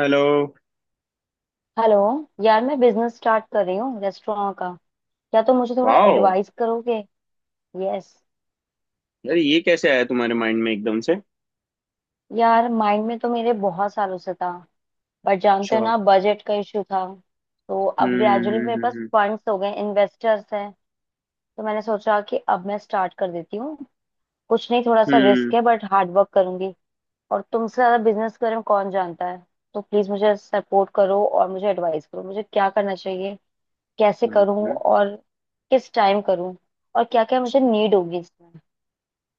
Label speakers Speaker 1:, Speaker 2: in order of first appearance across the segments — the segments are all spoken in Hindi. Speaker 1: हेलो।
Speaker 2: हेलो। यार मैं बिजनेस स्टार्ट कर रही हूँ रेस्टोरेंट का। क्या तुम मुझे थोड़ा
Speaker 1: वाओ,
Speaker 2: एडवाइस करोगे? यस।
Speaker 1: यार ये कैसे आया तुम्हारे माइंड में एकदम से?
Speaker 2: यार माइंड में तो मेरे बहुत सालों से था, बट जानते
Speaker 1: अच्छा।
Speaker 2: हो ना, बजट का इशू था। तो अब ग्रेजुअली मेरे पास
Speaker 1: हम्म।
Speaker 2: फंड्स हो गए, इन्वेस्टर्स हैं। तो मैंने सोचा कि अब मैं स्टार्ट कर देती हूँ। कुछ नहीं, थोड़ा सा
Speaker 1: हम्म
Speaker 2: रिस्क है बट हार्ड वर्क करूंगी। और तुमसे ज्यादा बिजनेस के बारे में कौन जानता है। तो प्लीज मुझे सपोर्ट करो और मुझे एडवाइस करो मुझे क्या करना चाहिए, कैसे
Speaker 1: हम्म।
Speaker 2: करूं,
Speaker 1: हम्म,
Speaker 2: और किस टाइम करूं, और क्या क्या मुझे नीड होगी इसमें,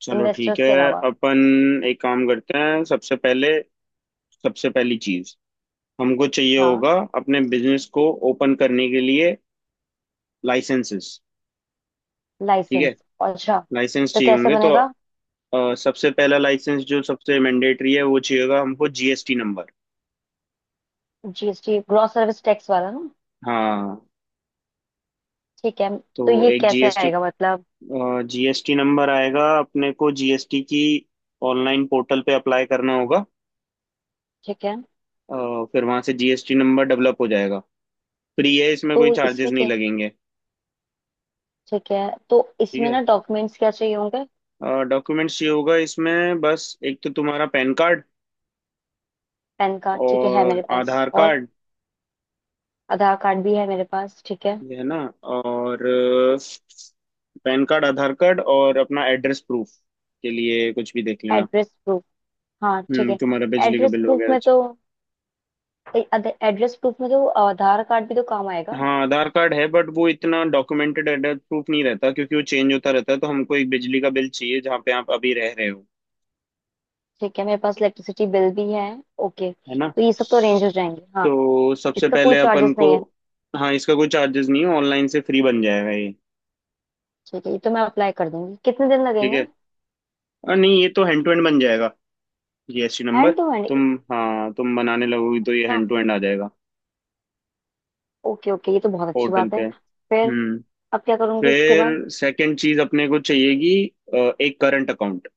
Speaker 1: चलो ठीक
Speaker 2: इन्वेस्टर्स के
Speaker 1: है।
Speaker 2: अलावा।
Speaker 1: अपन एक काम करते हैं, सबसे पहले सबसे पहली चीज हमको चाहिए
Speaker 2: हाँ।
Speaker 1: होगा अपने बिजनेस को ओपन करने के लिए, लाइसेंसेस। ठीक है,
Speaker 2: लाइसेंस। अच्छा,
Speaker 1: लाइसेंस
Speaker 2: तो
Speaker 1: चाहिए
Speaker 2: कैसे
Speaker 1: होंगे तो
Speaker 2: बनेगा?
Speaker 1: सबसे पहला लाइसेंस जो सबसे मैंडेटरी है वो चाहिए होगा हमको, GST number.
Speaker 2: GST gross service tax वाला ना।
Speaker 1: हाँ,
Speaker 2: ठीक है।
Speaker 1: तो
Speaker 2: तो ये
Speaker 1: एक
Speaker 2: कैसे
Speaker 1: जीएसटी।
Speaker 2: आएगा, मतलब?
Speaker 1: जीएसटी नंबर आएगा, अपने को जीएसटी की ऑनलाइन पोर्टल पे अप्लाई करना होगा।
Speaker 2: ठीक है।
Speaker 1: फिर वहां से जीएसटी नंबर डेवलप हो जाएगा। फ्री है, इसमें
Speaker 2: तो
Speaker 1: कोई चार्जेस
Speaker 2: इसमें
Speaker 1: नहीं
Speaker 2: क्या है?
Speaker 1: लगेंगे।
Speaker 2: ठीक है। तो
Speaker 1: ठीक
Speaker 2: इसमें
Speaker 1: है।
Speaker 2: ना डॉक्यूमेंट्स क्या चाहिए होंगे?
Speaker 1: डॉक्यूमेंट्स ये होगा इसमें, बस एक तो तुम्हारा पैन कार्ड
Speaker 2: पैन कार्ड ठीक है
Speaker 1: और
Speaker 2: मेरे पास।
Speaker 1: आधार
Speaker 2: और
Speaker 1: कार्ड।
Speaker 2: आधार कार्ड भी है मेरे पास, ठीक है।
Speaker 1: ये है ना। और पैन कार्ड, आधार कार्ड और अपना एड्रेस प्रूफ के लिए कुछ भी देख लेना।
Speaker 2: Address proof. हाँ ठीक
Speaker 1: हम्म,
Speaker 2: है।
Speaker 1: तुम्हारा बिजली का
Speaker 2: एड्रेस
Speaker 1: बिल
Speaker 2: प्रूफ
Speaker 1: वगैरह।
Speaker 2: में तो, एड्रेस प्रूफ में तो आधार कार्ड भी तो काम आएगा।
Speaker 1: हाँ, आधार कार्ड है बट वो इतना डॉक्यूमेंटेड एड्रेस प्रूफ नहीं रहता क्योंकि वो चेंज होता रहता है, तो हमको एक बिजली का बिल चाहिए जहाँ पे आप अभी रह रहे हो।
Speaker 2: ठीक है, मेरे पास इलेक्ट्रिसिटी बिल भी है। ओके,
Speaker 1: है ना,
Speaker 2: तो ये सब तो अरेंज हो जाएंगे। हाँ।
Speaker 1: तो सबसे
Speaker 2: इसका कोई
Speaker 1: पहले अपन
Speaker 2: चार्जेस
Speaker 1: को।
Speaker 2: नहीं है?
Speaker 1: हाँ, इसका कोई चार्जेस नहीं है, ऑनलाइन से फ्री बन जाएगा ये।
Speaker 2: ठीक है, ये तो मैं अप्लाई कर दूंगी। कितने दिन
Speaker 1: ठीक है,
Speaker 2: लगेंगे?
Speaker 1: और नहीं, ये तो हैंड टू हैंड बन जाएगा GST number.
Speaker 2: Hand to hand?
Speaker 1: तुम, हाँ तुम बनाने लगोगी तो ये
Speaker 2: अच्छा।
Speaker 1: हैंड टू हैंड आ जाएगा
Speaker 2: ओके ओके, ये तो बहुत अच्छी
Speaker 1: पोर्टल
Speaker 2: बात
Speaker 1: पे।
Speaker 2: है। फिर?
Speaker 1: हम्म।
Speaker 2: अब क्या करूंगी इसके
Speaker 1: फिर
Speaker 2: बाद?
Speaker 1: सेकंड चीज अपने को चाहिएगी, एक करंट अकाउंट।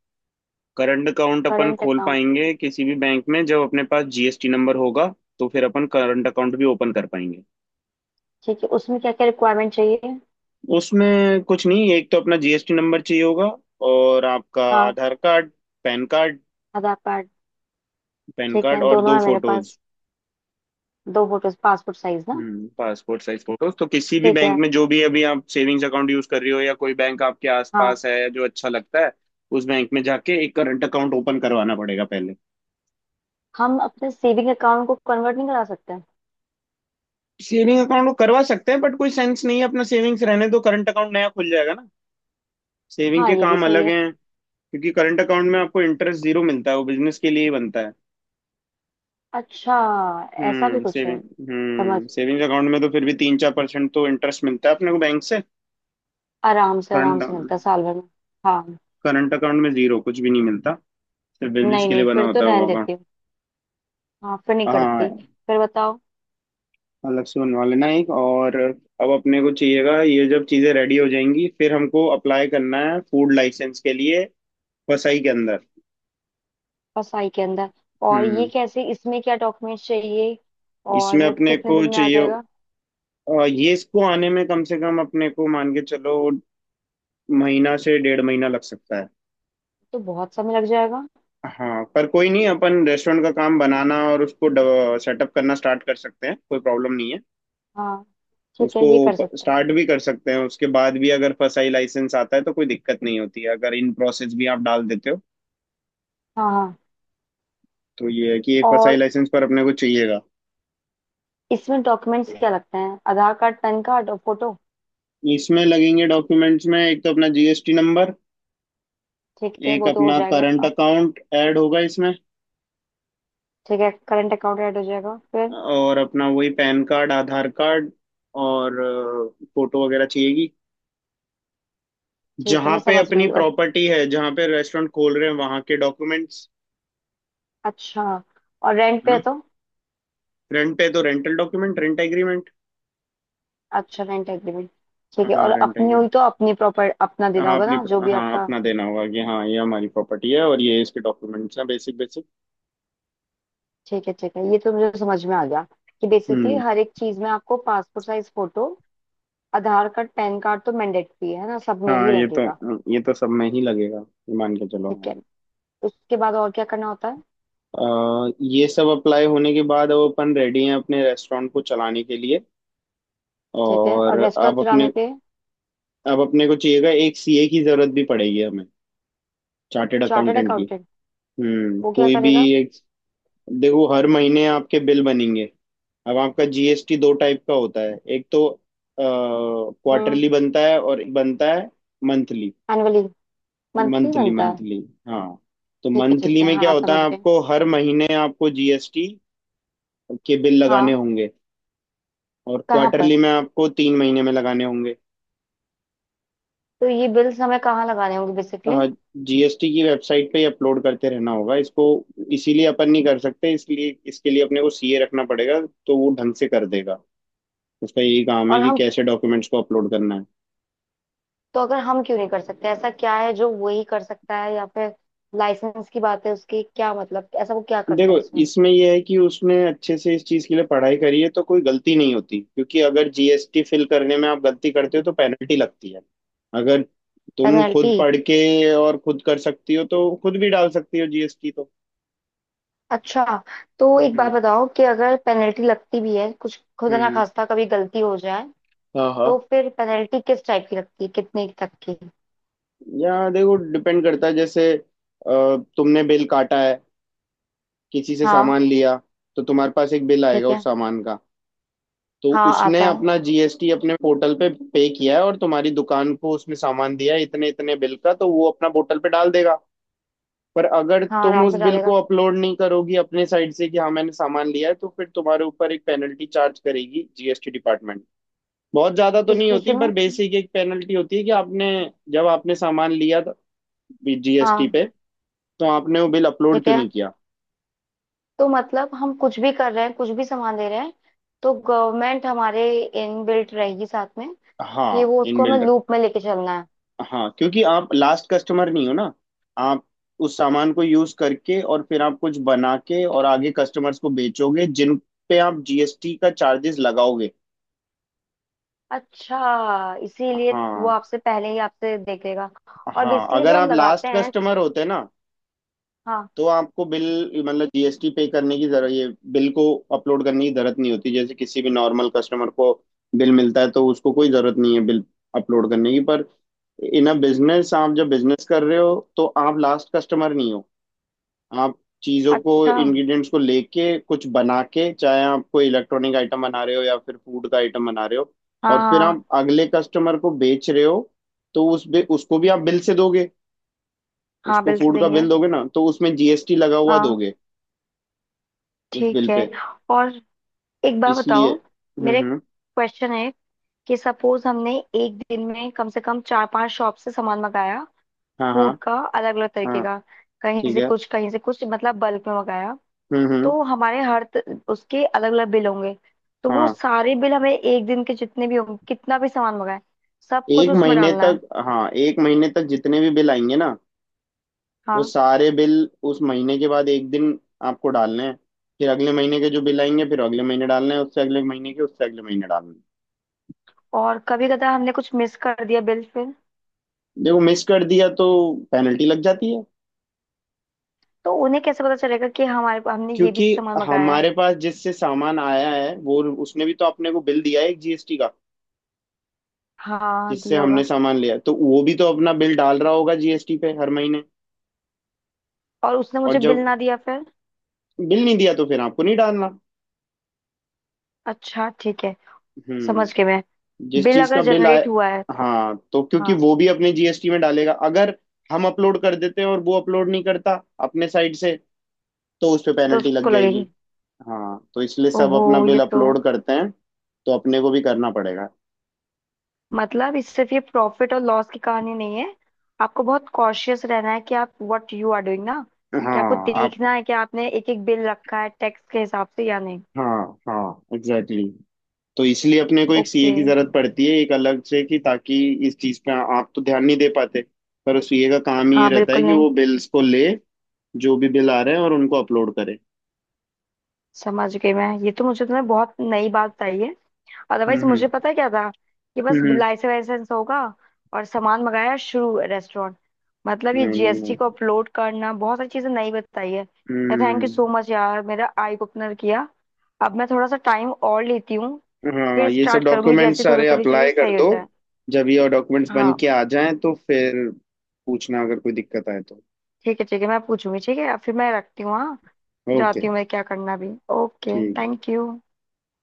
Speaker 1: करंट अकाउंट अपन
Speaker 2: करंट
Speaker 1: खोल
Speaker 2: अकाउंट।
Speaker 1: पाएंगे किसी भी बैंक में जब अपने पास जीएसटी नंबर होगा, तो फिर अपन करंट अकाउंट भी ओपन कर पाएंगे।
Speaker 2: ठीक है, उसमें क्या क्या रिक्वायरमेंट चाहिए?
Speaker 1: उसमें कुछ नहीं, एक तो अपना जीएसटी नंबर चाहिए होगा और आपका
Speaker 2: हाँ।
Speaker 1: Aadhaar card, PAN card,
Speaker 2: Aadhaar card. ठीक है,
Speaker 1: और
Speaker 2: दोनों
Speaker 1: दो
Speaker 2: है मेरे पास।
Speaker 1: फोटोज।
Speaker 2: दो फोटोज पासपोर्ट साइज ना?
Speaker 1: हम्म, पासपोर्ट साइज फोटोज तो किसी भी
Speaker 2: ठीक है।
Speaker 1: बैंक में जो भी अभी आप सेविंग्स अकाउंट यूज कर रही हो, या कोई बैंक आपके
Speaker 2: हाँ।
Speaker 1: आसपास है जो अच्छा लगता है उस बैंक में जाके एक करंट अकाउंट ओपन करवाना पड़ेगा पहले।
Speaker 2: हम अपने सेविंग अकाउंट को कन्वर्ट नहीं करा सकते?
Speaker 1: सेविंग अकाउंट को करवा सकते हैं बट कोई सेंस नहीं है, अपना सेविंग्स रहने दो, करंट अकाउंट नया खुल जाएगा ना। सेविंग
Speaker 2: हाँ,
Speaker 1: के
Speaker 2: ये भी
Speaker 1: काम
Speaker 2: सही
Speaker 1: अलग
Speaker 2: है।
Speaker 1: हैं, क्योंकि करंट अकाउंट में आपको इंटरेस्ट जीरो मिलता है, वो बिजनेस के लिए ही बनता है।
Speaker 2: अच्छा। ऐसा भी कुछ
Speaker 1: सेविंग।
Speaker 2: है? समझ।
Speaker 1: हम्म, सेविंग्स अकाउंट में तो फिर भी तीन चार परसेंट तो इंटरेस्ट मिलता है अपने को बैंक से।
Speaker 2: आराम
Speaker 1: करंट
Speaker 2: से मिलता है साल भर में। हाँ।
Speaker 1: करंट अकाउंट में जीरो कुछ भी नहीं मिलता, सिर्फ बिजनेस
Speaker 2: नहीं
Speaker 1: के लिए
Speaker 2: नहीं,
Speaker 1: बना
Speaker 2: फिर तो
Speaker 1: होता है
Speaker 2: रहने
Speaker 1: वो अकाउंट।
Speaker 2: देती हूँ। हाँ, फिर नहीं
Speaker 1: हाँ,
Speaker 2: करती। फिर बताओ।
Speaker 1: अलग से बनवा लेना एक। और अब अपने को चाहिएगा ये, जब चीजें रेडी हो जाएंगी फिर हमको अप्लाई करना है फूड लाइसेंस के लिए, वसई के अंदर।
Speaker 2: फसाई के अंदर। और ये
Speaker 1: हम्म,
Speaker 2: कैसे, इसमें क्या डॉक्यूमेंट चाहिए?
Speaker 1: इसमें
Speaker 2: और
Speaker 1: अपने
Speaker 2: कितने
Speaker 1: को
Speaker 2: दिन में आ
Speaker 1: चाहिए,
Speaker 2: जाएगा?
Speaker 1: ये इसको आने में कम से कम अपने को मान के चलो महीना से डेढ़ महीना लग सकता है।
Speaker 2: तो बहुत समय लग जाएगा।
Speaker 1: हाँ पर कोई नहीं, अपन रेस्टोरेंट का काम बनाना और उसको सेटअप करना स्टार्ट कर सकते हैं, कोई प्रॉब्लम नहीं है।
Speaker 2: हाँ, ठीक है,
Speaker 1: उसको
Speaker 2: ये कर सकते हैं।
Speaker 1: स्टार्ट भी कर सकते हैं, उसके बाद भी अगर फसाई लाइसेंस आता है तो कोई दिक्कत नहीं होती है अगर इन प्रोसेस भी आप डाल देते हो।
Speaker 2: हाँ हाँ।
Speaker 1: तो ये है कि एक फसाई
Speaker 2: और
Speaker 1: लाइसेंस पर अपने को चाहिएगा।
Speaker 2: इसमें डॉक्यूमेंट्स क्या लगते हैं? आधार कार्ड, पैन कार्ड और फोटो?
Speaker 1: इसमें लगेंगे डॉक्यूमेंट्स में एक तो अपना जीएसटी नंबर,
Speaker 2: ठीक है,
Speaker 1: एक
Speaker 2: वो तो हो
Speaker 1: अपना
Speaker 2: जाएगा।
Speaker 1: करंट अकाउंट ऐड होगा इसमें,
Speaker 2: ठीक है, करंट अकाउंट ऐड हो जाएगा। फिर?
Speaker 1: और अपना वही पैन कार्ड, आधार कार्ड और फोटो वगैरह चाहिएगी।
Speaker 2: ठीक है,
Speaker 1: जहां
Speaker 2: मैं
Speaker 1: पे
Speaker 2: समझ
Speaker 1: अपनी
Speaker 2: गई। और-
Speaker 1: प्रॉपर्टी है, जहां पे रेस्टोरेंट खोल रहे हैं, वहां के डॉक्यूमेंट्स।
Speaker 2: अच्छा। और रेंट
Speaker 1: है
Speaker 2: पे है
Speaker 1: ना,
Speaker 2: तो?
Speaker 1: रेंट पे तो रेंटल डॉक्यूमेंट, रेंट एग्रीमेंट।
Speaker 2: अच्छा, रेंट एग्रीमेंट। ठीक है।
Speaker 1: हाँ,
Speaker 2: और
Speaker 1: रेंट
Speaker 2: अपनी
Speaker 1: एग्रीमेंट।
Speaker 2: हुई तो अपनी प्रॉपर अपना देना
Speaker 1: हाँ
Speaker 2: होगा
Speaker 1: अपनी
Speaker 2: ना, जो भी
Speaker 1: हाँ
Speaker 2: आपका।
Speaker 1: अपना देना होगा कि हाँ ये हमारी प्रॉपर्टी है और ये इसके डॉक्यूमेंट्स हैं, बेसिक बेसिक।
Speaker 2: ठीक है ठीक है, ये तो मुझे समझ में आ गया। कि बेसिकली
Speaker 1: हम्म।
Speaker 2: हर एक चीज में आपको passport size photo, Aadhaar card, PAN card तो मैंडेटरी है ना, सब में
Speaker 1: हाँ
Speaker 2: ही
Speaker 1: ये तो
Speaker 2: लगेगा।
Speaker 1: ये तो सब में ही लगेगा, ये मान के चलो
Speaker 2: ठीक
Speaker 1: हाँ।
Speaker 2: है। उसके बाद और क्या करना होता है?
Speaker 1: ये सब अप्लाई होने के बाद अब अपन रेडी हैं अपने रेस्टोरेंट को चलाने के लिए।
Speaker 2: ठीक है।
Speaker 1: और
Speaker 2: और रेस्टोरेंट चलाने के लिए?
Speaker 1: अब अपने को चाहिएगा एक सीए की जरूरत भी पड़ेगी हमें, चार्टेड
Speaker 2: चार्टर्ड
Speaker 1: अकाउंटेंट की।
Speaker 2: अकाउंटेंट।
Speaker 1: हम्म,
Speaker 2: वो क्या
Speaker 1: कोई भी
Speaker 2: करेगा?
Speaker 1: एक। देखो हर महीने आपके बिल बनेंगे। अब आपका जीएसटी दो टाइप का होता है, एक तो
Speaker 2: हम्म
Speaker 1: क्वार्टरली बनता है और एक बनता है मंथली।
Speaker 2: एनुअली? मंथली
Speaker 1: मंथली,
Speaker 2: बनता है?
Speaker 1: मंथली। हाँ, तो
Speaker 2: ठीक है ठीक
Speaker 1: मंथली
Speaker 2: है,
Speaker 1: में क्या
Speaker 2: हाँ
Speaker 1: होता
Speaker 2: समझ
Speaker 1: है,
Speaker 2: गए।
Speaker 1: आपको हर महीने आपको जीएसटी के बिल लगाने
Speaker 2: हाँ।
Speaker 1: होंगे, और
Speaker 2: कहाँ पर?
Speaker 1: क्वार्टरली में आपको तीन महीने में लगाने होंगे।
Speaker 2: तो ये बिल्स हमें कहाँ लगाने होंगे बेसिकली?
Speaker 1: जीएसटी की वेबसाइट पे ही अपलोड करते रहना होगा इसको, इसीलिए अपन नहीं कर सकते, इसलिए इसके लिए अपने को सीए रखना पड़ेगा, तो वो ढंग से कर देगा। उसका यही काम है
Speaker 2: और
Speaker 1: कि
Speaker 2: हम,
Speaker 1: कैसे डॉक्यूमेंट्स को अपलोड करना है।
Speaker 2: तो अगर हम क्यों नहीं कर सकते, ऐसा क्या है जो वही कर सकता है? या फिर लाइसेंस की बात है उसकी, क्या मतलब, ऐसा वो क्या करता
Speaker 1: देखो
Speaker 2: है उसमें?
Speaker 1: इसमें यह है कि उसने अच्छे से इस चीज़ के लिए पढ़ाई करी है तो कोई गलती नहीं होती, क्योंकि अगर जीएसटी फिल करने में आप गलती करते हो तो पेनल्टी लगती है। अगर तुम खुद
Speaker 2: पेनल्टी?
Speaker 1: पढ़ के और खुद कर सकती हो तो खुद भी डाल सकती हो जीएसटी, तो
Speaker 2: अच्छा, तो एक
Speaker 1: हम्म
Speaker 2: बात बताओ कि अगर पेनल्टी लगती भी है, कुछ खुदा ना
Speaker 1: हम्म।
Speaker 2: खास्ता कभी गलती हो जाए,
Speaker 1: हाँ हाँ।
Speaker 2: तो फिर पेनल्टी किस टाइप की लगती है, कितने तक की?
Speaker 1: या देखो डिपेंड करता है, जैसे तुमने बिल काटा है किसी से
Speaker 2: हाँ।
Speaker 1: सामान लिया, तो तुम्हारे पास एक बिल आएगा
Speaker 2: ठीक
Speaker 1: उस
Speaker 2: है।
Speaker 1: सामान का। तो
Speaker 2: हाँ
Speaker 1: उसने
Speaker 2: आता है।
Speaker 1: अपना जीएसटी अपने पोर्टल पे पे किया है और तुम्हारी दुकान को उसमें सामान दिया है इतने इतने बिल का, तो वो अपना पोर्टल पे डाल देगा। पर अगर
Speaker 2: हाँ,
Speaker 1: तुम
Speaker 2: आराम
Speaker 1: उस
Speaker 2: से
Speaker 1: बिल को
Speaker 2: डालेगा।
Speaker 1: अपलोड नहीं करोगी अपने साइड से, कि हाँ मैंने सामान लिया है, तो फिर तुम्हारे ऊपर एक पेनल्टी चार्ज करेगी जीएसटी डिपार्टमेंट। बहुत ज्यादा तो
Speaker 2: किस
Speaker 1: नहीं
Speaker 2: खुशी
Speaker 1: होती
Speaker 2: में?
Speaker 1: पर बेसिक एक पेनल्टी होती है कि आपने, जब आपने सामान लिया था जीएसटी
Speaker 2: हाँ।
Speaker 1: पे, तो आपने वो बिल अपलोड
Speaker 2: ठीक
Speaker 1: क्यों
Speaker 2: है।
Speaker 1: नहीं किया।
Speaker 2: तो मतलब हम कुछ भी कर रहे हैं, कुछ भी सामान दे रहे हैं, तो गवर्नमेंट हमारे इन बिल्ट रहेगी साथ में, कि
Speaker 1: हाँ
Speaker 2: वो
Speaker 1: इन
Speaker 2: उसको हमें
Speaker 1: बिल्डर।
Speaker 2: लूप में लेके चलना है।
Speaker 1: हाँ, क्योंकि आप लास्ट कस्टमर नहीं हो ना, आप उस सामान को यूज करके और फिर आप कुछ बना के और आगे कस्टमर्स को बेचोगे जिन पे आप जीएसटी का चार्जेस लगाओगे।
Speaker 2: अच्छा, इसीलिए वो
Speaker 1: हाँ,
Speaker 2: आपसे पहले ही आपसे देखेगा। और
Speaker 1: हाँ
Speaker 2: बेसिकली
Speaker 1: अगर
Speaker 2: जो हम
Speaker 1: आप
Speaker 2: लगाते
Speaker 1: लास्ट
Speaker 2: हैं।
Speaker 1: कस्टमर होते ना,
Speaker 2: हाँ।
Speaker 1: तो आपको बिल, मतलब जीएसटी पे करने की जरूरत, ये बिल को अपलोड करने की जरूरत नहीं होती, जैसे किसी भी नॉर्मल कस्टमर को बिल मिलता है तो उसको कोई जरूरत नहीं है बिल अपलोड करने की। पर इन अ बिजनेस, आप जब बिजनेस कर रहे हो तो आप लास्ट कस्टमर नहीं हो, आप चीज़ों को
Speaker 2: अच्छा हाँ।
Speaker 1: इंग्रेडिएंट्स को लेके कुछ बना के, चाहे आप कोई इलेक्ट्रॉनिक आइटम बना रहे हो या फिर फूड का आइटम बना रहे हो, और फिर
Speaker 2: हाँ।
Speaker 1: आप अगले कस्टमर को बेच रहे हो। तो उसको भी आप बिल से दोगे।
Speaker 2: हाँ
Speaker 1: उसको
Speaker 2: बिल्स
Speaker 1: फूड का बिल
Speaker 2: देंगे।
Speaker 1: दोगे ना, तो उसमें जीएसटी लगा हुआ
Speaker 2: हाँ।
Speaker 1: दोगे उस
Speaker 2: ठीक
Speaker 1: बिल
Speaker 2: है।
Speaker 1: पे।
Speaker 2: और एक बार
Speaker 1: इसलिए
Speaker 2: बताओ, मेरे
Speaker 1: हम्म।
Speaker 2: क्वेश्चन है कि सपोज हमने एक दिन में कम से कम चार पांच शॉप से सामान मंगाया,
Speaker 1: हाँ हाँ
Speaker 2: फूड का अलग अलग तरीके
Speaker 1: हाँ।
Speaker 2: का, कहीं
Speaker 1: ठीक
Speaker 2: से
Speaker 1: है।
Speaker 2: कुछ कहीं से कुछ, मतलब बल्क में मंगाया।
Speaker 1: हम्म।
Speaker 2: तो हमारे हर उसके अलग अलग बिल होंगे। तो वो
Speaker 1: हाँ,
Speaker 2: सारे बिल हमें, एक दिन के जितने भी होंगे कितना भी सामान मंगाए, सब कुछ
Speaker 1: एक
Speaker 2: उसमें
Speaker 1: महीने
Speaker 2: डालना
Speaker 1: तक।
Speaker 2: है?
Speaker 1: हाँ, एक महीने तक जितने भी बिल आएंगे ना, वो
Speaker 2: हाँ।
Speaker 1: सारे बिल उस महीने के बाद एक दिन आपको डालने हैं। फिर अगले महीने के जो बिल आएंगे फिर अगले महीने डालने हैं, उससे अगले महीने के उससे अगले महीने डालने हैं।
Speaker 2: और कभी कदा हमने कुछ मिस कर दिया बिल, फिर?
Speaker 1: देखो मिस कर दिया तो पेनल्टी लग जाती है।
Speaker 2: तो उन्हें कैसे पता चलेगा कि हमारे, हमने ये भी
Speaker 1: क्योंकि
Speaker 2: सामान मंगाया है?
Speaker 1: हमारे पास जिससे सामान आया है वो उसने भी तो अपने को बिल दिया है एक जीएसटी का,
Speaker 2: हाँ
Speaker 1: जिससे
Speaker 2: दिया
Speaker 1: हमने
Speaker 2: होगा।
Speaker 1: सामान लिया, तो वो भी तो अपना बिल डाल रहा होगा जीएसटी पे हर महीने।
Speaker 2: और उसने
Speaker 1: और
Speaker 2: मुझे बिल
Speaker 1: जब
Speaker 2: ना दिया फिर?
Speaker 1: बिल नहीं दिया तो फिर आपको नहीं डालना।
Speaker 2: अच्छा, ठीक है। समझ गई
Speaker 1: हम्म,
Speaker 2: मैं।
Speaker 1: जिस
Speaker 2: बिल
Speaker 1: चीज
Speaker 2: अगर
Speaker 1: का बिल आए।
Speaker 2: जनरेट हुआ है।
Speaker 1: हाँ, तो क्योंकि
Speaker 2: हाँ।
Speaker 1: वो भी अपने जीएसटी में डालेगा अगर हम अपलोड कर देते हैं, और वो अपलोड नहीं करता अपने साइड से, तो उस पे
Speaker 2: तो
Speaker 1: पेनल्टी लग
Speaker 2: उसको लगेगी?
Speaker 1: जाएगी। हाँ, तो इसलिए सब अपना
Speaker 2: ओहो। ये
Speaker 1: बिल
Speaker 2: तो,
Speaker 1: अपलोड करते हैं, तो अपने को भी करना पड़ेगा।
Speaker 2: मतलब इस, सिर्फ ये प्रॉफिट और लॉस की कहानी नहीं है। आपको बहुत कॉशियस रहना है कि आप व्हाट यू आर डूइंग ना, कि आपको
Speaker 1: हाँ आप।
Speaker 2: देखना है कि आपने एक एक बिल रखा है टैक्स के हिसाब से या नहीं।
Speaker 1: हाँ हाँ एग्जैक्टली exactly. तो इसलिए अपने को एक सीए
Speaker 2: ओके।
Speaker 1: की जरूरत पड़ती है एक अलग से, कि ताकि इस चीज पे आप तो ध्यान नहीं दे पाते, पर उस सीए का काम ही ये
Speaker 2: हाँ
Speaker 1: रहता है
Speaker 2: बिल्कुल
Speaker 1: कि
Speaker 2: नहीं।
Speaker 1: वो बिल्स को ले जो भी बिल आ रहे हैं और उनको अपलोड करे।
Speaker 2: समझ गई मैं। ये तो मुझे तुमने बहुत नई बात बताई है। अदरवाइज
Speaker 1: हम्म।
Speaker 2: मुझे पता है क्या था, कि बस
Speaker 1: हम्म, हम्म।
Speaker 2: लाइसेंस वाइसेंस होगा और सामान मंगाया, शुरू रेस्टोरेंट। मतलब ये
Speaker 1: नहीं नहीं
Speaker 2: जीएसटी
Speaker 1: नहीं।
Speaker 2: को अपलोड करना, बहुत सारी चीजें नई बताई है। Thank you so
Speaker 1: hmm.
Speaker 2: Much यार, मेरा आई ओपनर किया। अब मैं थोड़ा सा टाइम और लेती हूँ।
Speaker 1: हाँ,
Speaker 2: फिर
Speaker 1: ये सब
Speaker 2: स्टार्ट करूंगी
Speaker 1: डॉक्यूमेंट्स
Speaker 2: जैसे थोड़ी
Speaker 1: सारे
Speaker 2: थोड़ी चीजें
Speaker 1: अप्लाई कर
Speaker 2: सही हो
Speaker 1: दो,
Speaker 2: जाए।
Speaker 1: जब ये डॉक्यूमेंट्स बन
Speaker 2: हाँ।
Speaker 1: के आ जाएं तो फिर पूछना अगर कोई दिक्कत आए तो।
Speaker 2: ठीक है ठीक है, मैं पूछूंगी। ठीक है, अब फिर मैं रखती हूँ। हाँ,
Speaker 1: ओके,
Speaker 2: जाती हूँ मैं, क्या करना भी। ओके।
Speaker 1: ठीक है।
Speaker 2: Thank you.